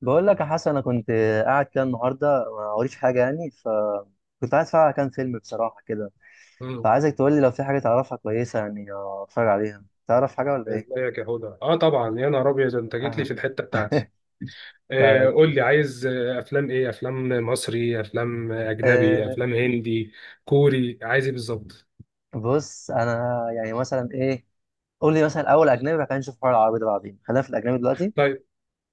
بقول لك يا حسن، انا كنت قاعد كده النهارده ما وريش حاجه، يعني فكنت عايز اتفرج على كام فيلم بصراحه كده. مم. فعايزك تقول لي لو في حاجه تعرفها كويسه يعني اتفرج عليها، تعرف حاجه ولا ايه؟ ازيك يا هدى؟ اه طبعا، يا نهار ابيض انت جيت لي في آه. الحته بتاعتي. طيب آه، قول اوكي. لي، عايز افلام ايه؟ افلام مصري، افلام اجنبي، أه افلام هندي، كوري؟ عايز ايه بالظبط؟ بص، انا يعني مثلا ايه، قول لي مثلا اول اجنبي بعد كده نشوف حوار العربي ده، بعدين خلينا في الاجنبي دلوقتي. طيب،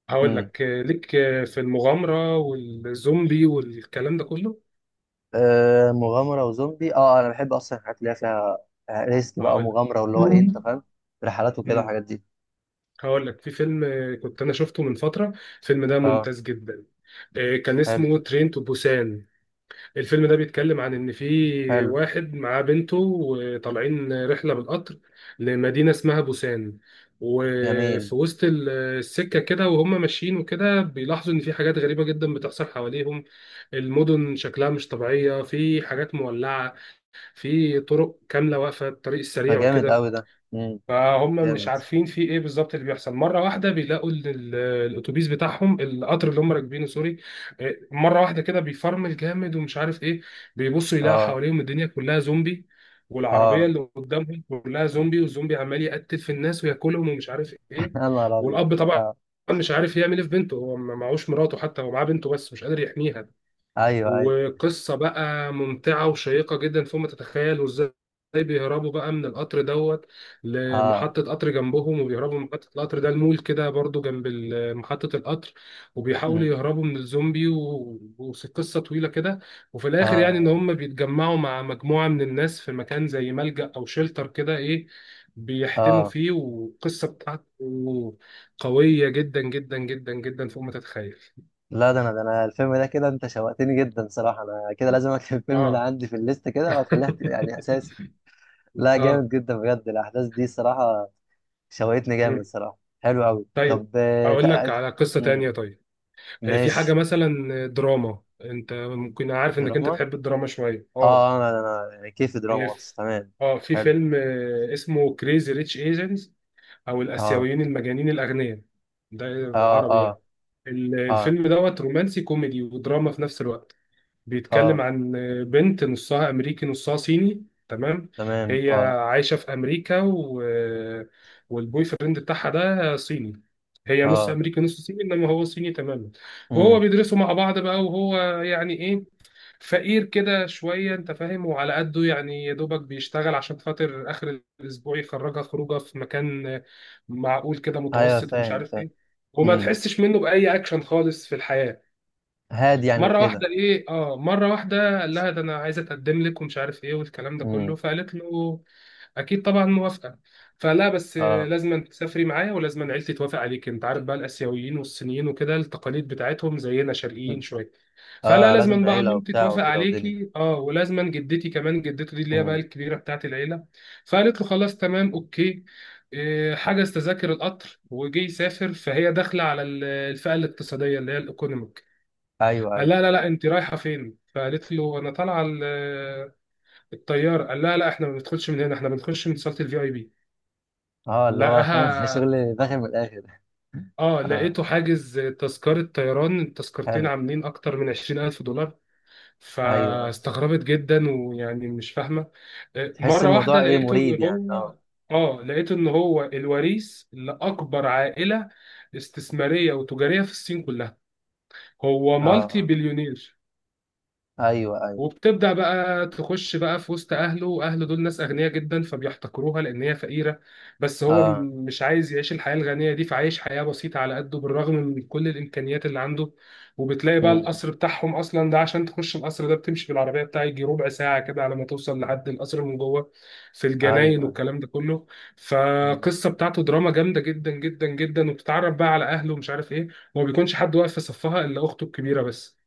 هقول امم. لك، ليك في المغامره والزومبي والكلام ده كله. مغامره وزومبي. اه انا بحب اصلا الحاجات اللي هي فيها ريسك بقى هقول لك. ومغامره، واللي هو ايه، انت مم. فاهم، رحلات وكده مم. والحاجات دي. هقول لك في فيلم، كنت انا شفته من فتره. الفيلم ده اه. ممتاز جدا. كان حلو اسمه ترين تو بوسان. الفيلم ده بيتكلم عن ان في حلو. واحد معاه بنته وطالعين رحله بالقطر لمدينه اسمها بوسان. جميل. وفي وسط السكه كده وهم ماشيين وكده، بيلاحظوا ان في حاجات غريبه جدا بتحصل حواليهم. المدن شكلها مش طبيعيه، في حاجات مولعه، في طرق كامله واقفه، الطريق ما السريع جامد وكده. قوي ده. امم. فهم مش جامد. عارفين في ايه بالظبط اللي بيحصل. مره واحده بيلاقوا الاتوبيس بتاعهم، القطر اللي هم راكبينه، سوري، مره واحده كده بيفرمل جامد ومش عارف ايه. بيبصوا يلاقوا اه. حواليهم الدنيا كلها زومبي، والعربيه اه. اللي قدامهم كلها زومبي، والزومبي عمال يقتل في الناس وياكلهم ومش عارف ايه. يا نهار ابيض. والاب طبعا اه. مش عارف يعمل ايه في بنته، هو ما معهوش مراته، حتى هو معاه بنته بس مش قادر يحميها. ايوه ايوه. وقصة بقى ممتعة وشيقة جدا فوق ما تتخيل، وازاي بيهربوا بقى من القطر دوت اه. لمحطة قطر جنبهم، وبيهربوا من محطة القطر ده، المول كده برضو جنب محطة القطر، وبيحاولوا امم. يهربوا من الزومبي وقصة طويلة كده. وفي الآخر يعني إن اه. هم بيتجمعوا مع مجموعة من الناس في مكان زي ملجأ أو شيلتر كده، إيه، بيحتموا اه. فيه. والقصة بتاعته قوية جدا جدا جدا جدا فوق ما تتخيل. لا، ده انا الفيلم ده كده انت شوقتني جدا صراحه، انا كده لازم اكتب الفيلم ده اه. عندي في الليست كده واخليها يعني اساسي. لا اه. جامد جدا بجد، الاحداث دي صراحه شوقتني جامد مم. صراحه، حلو قوي. طيب، طب اقول لك على قصة مم. تانية. طيب، في حاجة ماشي. مثلا دراما، انت ممكن عارف انك انت دراما. تحب الدراما شوية. اه اه. انا يعني كيف آه، دراما اصلا، ف- تمام. اه، في حلو. فيلم اسمه كريزي ريتش ايجنز، او اه. الاسيويين المجانين الاغنياء، ده اه. بالعربي يعني. اه. اه. الفيلم دوت رومانسي كوميدي ودراما في نفس الوقت. بيتكلم اه. عن بنت نصها امريكي نصها صيني، تمام؟ تمام. هي اه. عايشه في امريكا، و... والبوي فريند بتاعها ده صيني. هي نص اه. امريكي نص صيني، انما هو صيني تماما. وهو امم. بيدرسوا مع بعض بقى، وهو يعني ايه، فقير كده شويه انت فاهم، وعلى قده يعني يا دوبك بيشتغل عشان خاطر اخر الاسبوع يخرجها خروجه في مكان معقول كده، ايوه متوسط ومش فاهم عارف فاهم. ايه. وما امم. تحسش منه باي اكشن خالص في الحياه. هادي يعني مره واحده وكده. ايه اه، مره واحده قال لها ده انا عايزه اتقدم لك ومش عارف ايه والكلام ده امم. كله. فقالت له اكيد طبعا موافقه. فلا، بس اه. لازم تسافري معايا، ولازم عيلتي توافق عليك. انت عارف بقى الاسيويين والصينيين وكده، التقاليد بتاعتهم زينا، شرقيين مم. شويه. فلا اه، لازم لازم بقى عيله مامتي وبتاع توافق وكده ودنيا. عليكي، اه، ولازم جدتي كمان، جدته دي اللي هي بقى امم. الكبيره بتاعت العيله. فقالت له خلاص تمام اوكي. إيه، حجز تذاكر القطر وجي يسافر. فهي داخله على الفئه الاقتصاديه اللي هي الايكونوميك. ايوه قال ايوه. لا لا لا، انت رايحه فين؟ فقالت له انا طالعه الطياره. قال لا لا، احنا ما بندخلش من هنا، احنا بنخش من صاله الفي اي بي. اه اللي هو فاهم لقاها، الشغل داخل من الاخر. اه اه. لقيته حاجز تذكره طيران، التذكرتين حلو. عاملين اكتر من 20,000 دولار. ايوه ايوه. فاستغربت جدا ويعني مش فاهمه. تحس مره واحده الموضوع ايه، لقيته مريب ان يعني. هو، اه. اه لقيته ان هو الوريث لاكبر عائله استثماريه وتجاريه في الصين كلها، هو اه. مالتي آه. بليونير. ايوه ايوه. وبتبدأ بقى تخش بقى في وسط أهله، أهله دول ناس أغنياء جدا فبيحتقروها لأن هي فقيرة، بس هو اه. مش عايز يعيش الحياة الغنية دي، فعايش حياة بسيطة على قده بالرغم من كل الإمكانيات اللي عنده. وبتلاقي بقى امم. القصر بتاعهم أصلا ده، عشان تخش القصر ده بتمشي بالعربية بتاعي يجي ربع ساعة كده على ما توصل لحد القصر من جوه، في ايوه الجناين ايوه. والكلام ده كله. امم. فقصة بتاعته دراما جامدة جدا جدا جدا، وبتتعرف بقى على أهله ومش عارف إيه. وما بيكونش حد واقف في صفها إلا أخته الكبيرة بس.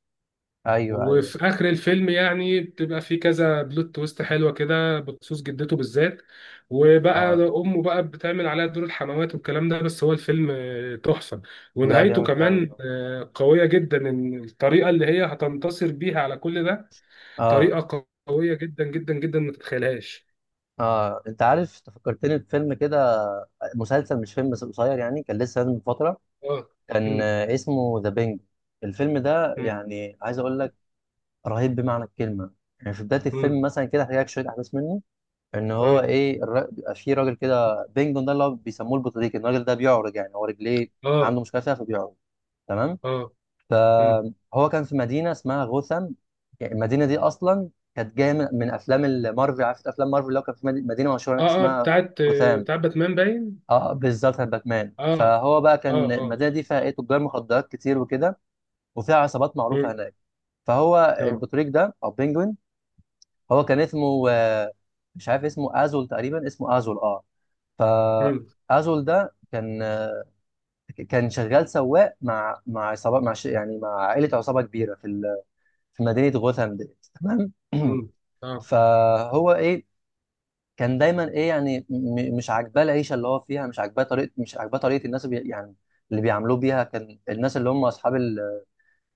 ايوه ايوه. وفي اخر الفيلم يعني بتبقى في كذا بلوت تويست حلوه كده بخصوص جدته بالذات. وبقى اه. امه بقى بتعمل عليها دور الحموات والكلام ده. بس هو الفيلم تحفه. لا ونهايته جامد قوي، كمان اه. قويه جدا، ان الطريقه اللي هي هتنتصر بيها على كل ده، اه. طريقه قويه جدا جدا جدا ما تتخيلهاش. اه، انت عارف تفكرتني بفيلم كده، مسلسل مش فيلم بس قصير، يعني كان لسه نازل من فتره. اه. كان مم. اسمه ذا بينج. الفيلم ده مم. يعني عايز اقول لك رهيب بمعنى الكلمه. يعني في بدايه الفيلم مم. مثلا كده هحكي لك شويه احداث منه. ان هو اه ايه بيبقى في راجل كده، بينجون ده اللي هو بيسموه البطريق، الراجل ده بيعرج، يعني هو رجليه اه عنده مشكله فيها فبيعرج، تمام. اه. مم. فهو كان في مدينه اسمها غوثام. يعني المدينه دي اصلا كانت جايه من افلام المارفل، عارف افلام مارفل، اللي هو كان في مدينه مشهوره هناك اه اه، اسمها بتاعت غوثام. باتمان باين. اه بالظبط بتاعت باتمان. اه فهو بقى كان اه اه. المدينه دي فيها ايه تجار مخدرات كتير وكده، وفيها عصابات معروفه مم. هناك. فهو اه. البطريق ده او بينجوين، هو كان اسمه مش عارف اسمه ازول تقريبا، اسمه ازول اه. مم. فازول ده كان كان شغال سواق مع عصابه يعني مع عائله عصابه كبيره في مدينه غوثام ديت، تمام. امم. اه. فهو ايه، كان دايما ايه، يعني مش عاجباه العيشه اللي هو فيها، مش عاجباه طريقه، مش عاجباه طريقه الناس يعني اللي بيعاملوه بيها. كان الناس اللي هم اصحاب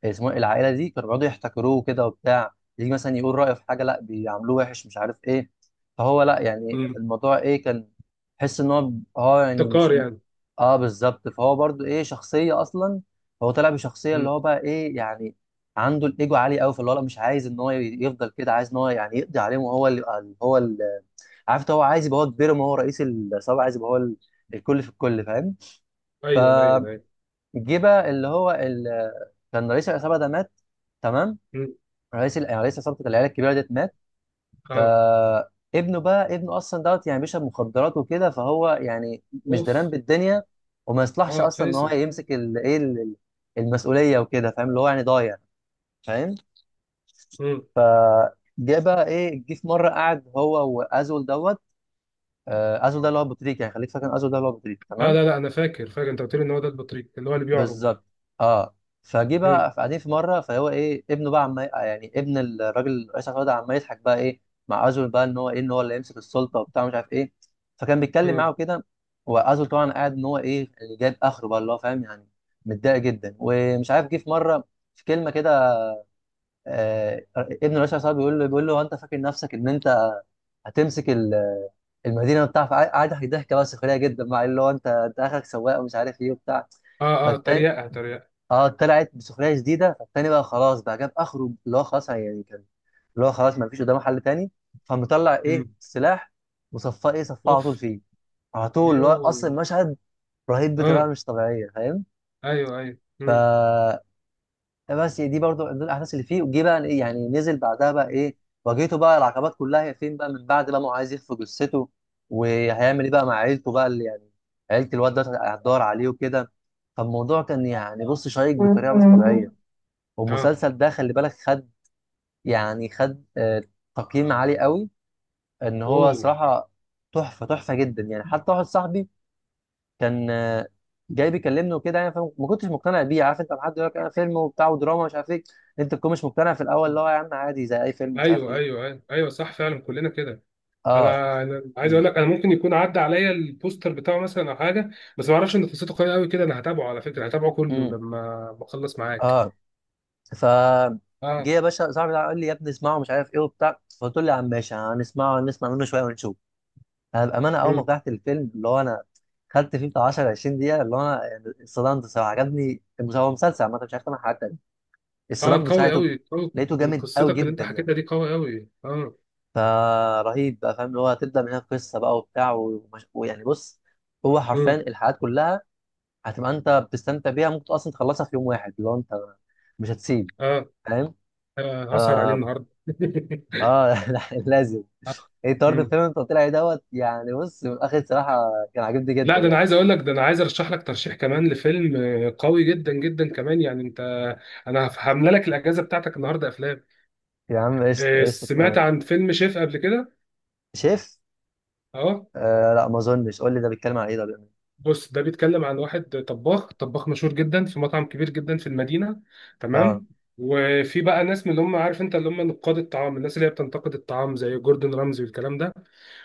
اسمه إيه، العائله دي كانوا بيقعدوا يحتكروه كده وبتاع، يجي مثلا يقول رايه في حاجه لا بيعاملوه وحش مش عارف ايه. فهو لا يعني امم. الموضوع ايه، كان حس ان هو اه يعني مش، ابتكار يعني. اه بالظبط. فهو برضو ايه شخصيه اصلا، هو طلع بشخصيه اللي امم. هو بقى ايه يعني عنده الايجو عالي قوي، فاللي هو لا مش عايز ان هو يفضل كده، عايز ان هو يعني يقضي عليهم وهو اللي هو اللي، عارف انت، هو عايز يبقى هو كبير، ما هو رئيس العصابه عايز يبقى هو الكل في الكل، فاهم. ايوه ايوه ايوه. فجه بقى اللي هو كان رئيس العصابه ده مات، تمام. امم. رئيس يعني رئيس عصابه العيله الكبيره ديت مات. اه. فابنه بقى، ابنه اصلا دوت يعني بيشرب مخدرات وكده فهو يعني مش دران اوف. بالدنيا، وما يصلحش اه، اصلا ان هو فاسد. يمسك المسؤوليه وكده، فاهم اللي هو يعني ضايع، فاهم. امم. جه بقى ايه، جه في مره قعد هو وازول دوت. ازول ده اللي هو ابو تريكه، يعني خليك فاكر ازول ده اللي هو ابو تريكه، اه. تمام. لا لا، انا فاكر فاكر، انت قلت لي ان هو ده البطريق اللي هو اللي بيعرج. بالظبط. اه. فجه امم. بقى قاعدين في مره، فهو ايه ابنه بقى، عم يعني ابن الراجل رئيس الوزراء ده، عمال يضحك بقى ايه مع ازول بقى، ان هو ايه ان هو اللي يمسك السلطه وبتاع مش عارف ايه. فكان بيتكلم امم. معاه كده، وازول طبعا قاعد ان هو ايه، اللي جايب اخره بقى اللي هو فاهم يعني متضايق جدا ومش عارف. جه في مره في كلمه كده، آه ابن رئيس الوزراء بيقول له هو انت فاكر نفسك ان انت هتمسك المدينه بتاعك، قاعد ضحك ضحكه بقى سخريه جدا مع اللي هو انت انت اخرك سواق ومش عارف ايه وبتاع. اه اه، تريقه تريقه. اه طلعت بسخريه شديده، فالتاني بقى خلاص بقى جاب اخره، اللي هو خلاص يعني كان اللي هو خلاص ما فيش قدامه حل تاني. فمطلع ايه امم. السلاح وصفاه ايه، صفاه على اوف. طول فيه، على طول، اللي يو. هو اصلا المشهد رهيب بطريقه اه. مش طبيعيه، فاهم. ايوه ايوه. ف امم. آه بس دي برضو من ضمن الاحداث اللي فيه، وجي بقى إيه يعني، نزل بعدها بقى ايه، واجهته بقى العقبات كلها. هي فين بقى من بعد بقى ما هو عايز يخفي جثته، وهيعمل ايه بقى مع عيلته بقى اللي يعني عيله الواد ده هتدور عليه وكده. فالموضوع كان يعني بص شيق بطريقه مش طبيعيه، اه. والمسلسل ده خلي بالك خد، يعني خد تقييم عالي قوي، ان هو اوه. صراحه تحفه تحفه جدا يعني. حتى واحد صاحبي كان جاي بيكلمني وكده، يعني فما ما كنتش مقتنع بيه، عارف انت لما حد يقول لك انا فيلم وبتاع ودراما مش عارف ايه، انت تكون مش مقتنع في الاول اللي هو يا عم عادي زي اي فيلم مش عارف ايوه ايه. ايوه ايوه ايوه صح فعلا كلنا كده. اه. انا عايز امم. اقول لك، انا ممكن يكون عدى عليا البوستر بتاعه مثلا او حاجه، بس ما اعرفش ان قصته قويه قوي كده. انا هتابعه على فكره، هتابعه كله أمم، لما بخلص معاك. اه. ف جه اه. يا باشا صاحبي ده قال لي يا ابني اسمعه مش عارف ايه وبتاع، فقلت له يا عم ماشي، هنسمعه نسمع منه شويه ونشوف. انا بامانه اول ما امم. فتحت الفيلم، اللي هو انا خدت فيه بتاع 10 20 دقيقه، اللي هو انا يعني اتصدمت الصراحه، عجبني هو مسلسل عامه مش عارف انا، حاجات تانية اه، اتصدمت قوي ساعته. قوي قوي، لقيته من جامد قوي قصتك اللي انت جدا يعني. حكيتها دي، قوي قوي. اه. فرهيب بقى فاهم، اللي هو هتبدا من هنا قصه بقى وبتاع ويعني بص هو حرفيا امم. الحلقات كلها هتبقى انت بتستمتع بيها، ممكن اصلا تخلصها في يوم واحد، اللي هو انت مش هتسيب، اه. فاهم. ف... هسهر عليه النهارده. اه لازم. آه. ايه طرد مم. الفيلم اللي انت قلت لي عليه دوت، يعني بص من الاخر صراحه كان عاجبني جدا لا، ده انا يعني. عايز اقول لك، ده انا عايز ارشح لك ترشيح كمان لفيلم قوي جدا جدا كمان، يعني انت، انا هملى لك الاجازه بتاعتك النهارده افلام. يا عم قشطة سمعت قشطة. عن فيلم شيف قبل كده؟ شيف. اه. آه لا ما اظنش، قول لي ده بيتكلم عن ايه، ده بيعمل إيه؟ بص، ده بيتكلم عن واحد طباخ، طباخ مشهور جدا في مطعم كبير جدا في المدينة، اه. تمام؟ وفي بقى ناس من اللي هم، عارف انت، اللي هم نقاد الطعام، الناس اللي هي بتنتقد الطعام، زي جوردن رامزي والكلام ده.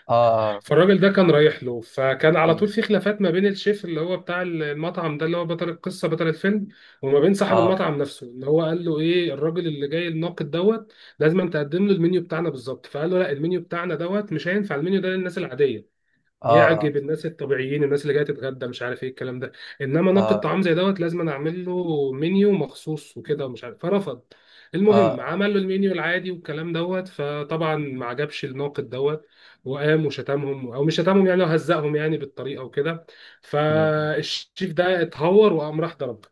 اه. اه. فالراجل ده كان رايح له، فكان على مم. طول في خلافات ما بين الشيف اللي هو بتاع المطعم ده، اللي هو بطل القصة بطل الفيلم، وما بين صاحب اه. المطعم نفسه اللي هو قال له ايه، الراجل اللي جاي الناقد دوت لازم تقدم له المنيو بتاعنا بالظبط. فقال له لا، المنيو بتاعنا دوت مش هينفع، المنيو ده للناس العادية اه. يعجب الناس الطبيعيين، الناس اللي جايه تتغدى مش عارف ايه الكلام ده، انما ناقد اه. طعام زي دوت لازم أنا اعمل له منيو مخصوص وكده ومش عارف. فرفض. اه. المهم، اه. عمل له المنيو العادي والكلام دوت، فطبعا ما عجبش الناقد دوت. وقام وشتمهم، او مش شتمهم يعني، هو هزقهم يعني بالطريقه وكده. مم، مم. فالشيف ده اتهور وقام راح ضرب.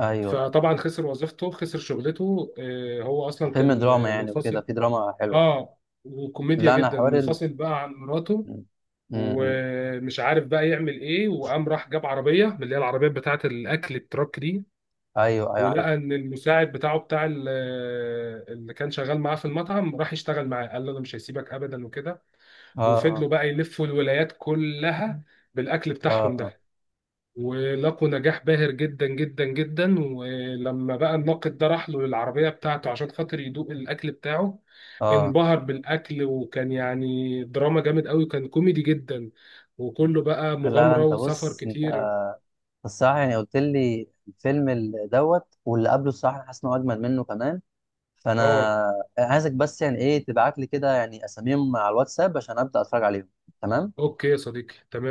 ايوه. فطبعا خسر وظيفته خسر شغلته. هو اصلا فيلم كان دراما يعني وكده منفصل. في دراما حلوه. اه، وكوميديا لا انا جدا. حوار منفصل بقى عن مراته، مم، مم. ومش عارف بقى يعمل ايه، وقام راح جاب عربيه من اللي هي العربيات بتاعه الاكل، التراك دي. ايوه ايوه عارف. ولقى ان المساعد بتاعه بتاع اللي كان شغال معاه في المطعم راح يشتغل معاه، قال له انا مش هسيبك ابدا وكده. اه. اه. وفضلوا بقى يلفوا الولايات كلها بالاكل اه. بتاعهم اه. ده. ولقوا نجاح باهر جدا جدا جدا. ولما بقى الناقد ده راح له للعربية بتاعته عشان خاطر يدوق الأكل بتاعه، اه. انبهر بالأكل. وكان يعني دراما جامد قوي، كان كوميدي جدا، وكله بقى لا لا مغامرة انت وسفر بص، انت كتير. الصراحه يعني قلت لي الفيلم دوت واللي قبله، الصراحه أنا حاسس انه اجمل منه كمان، فانا اه. عايزك بس يعني ايه تبعت لي كده يعني اساميهم على الواتساب عشان ابدا اتفرج عليهم، تمام. اوكي يا صديقي، تمام.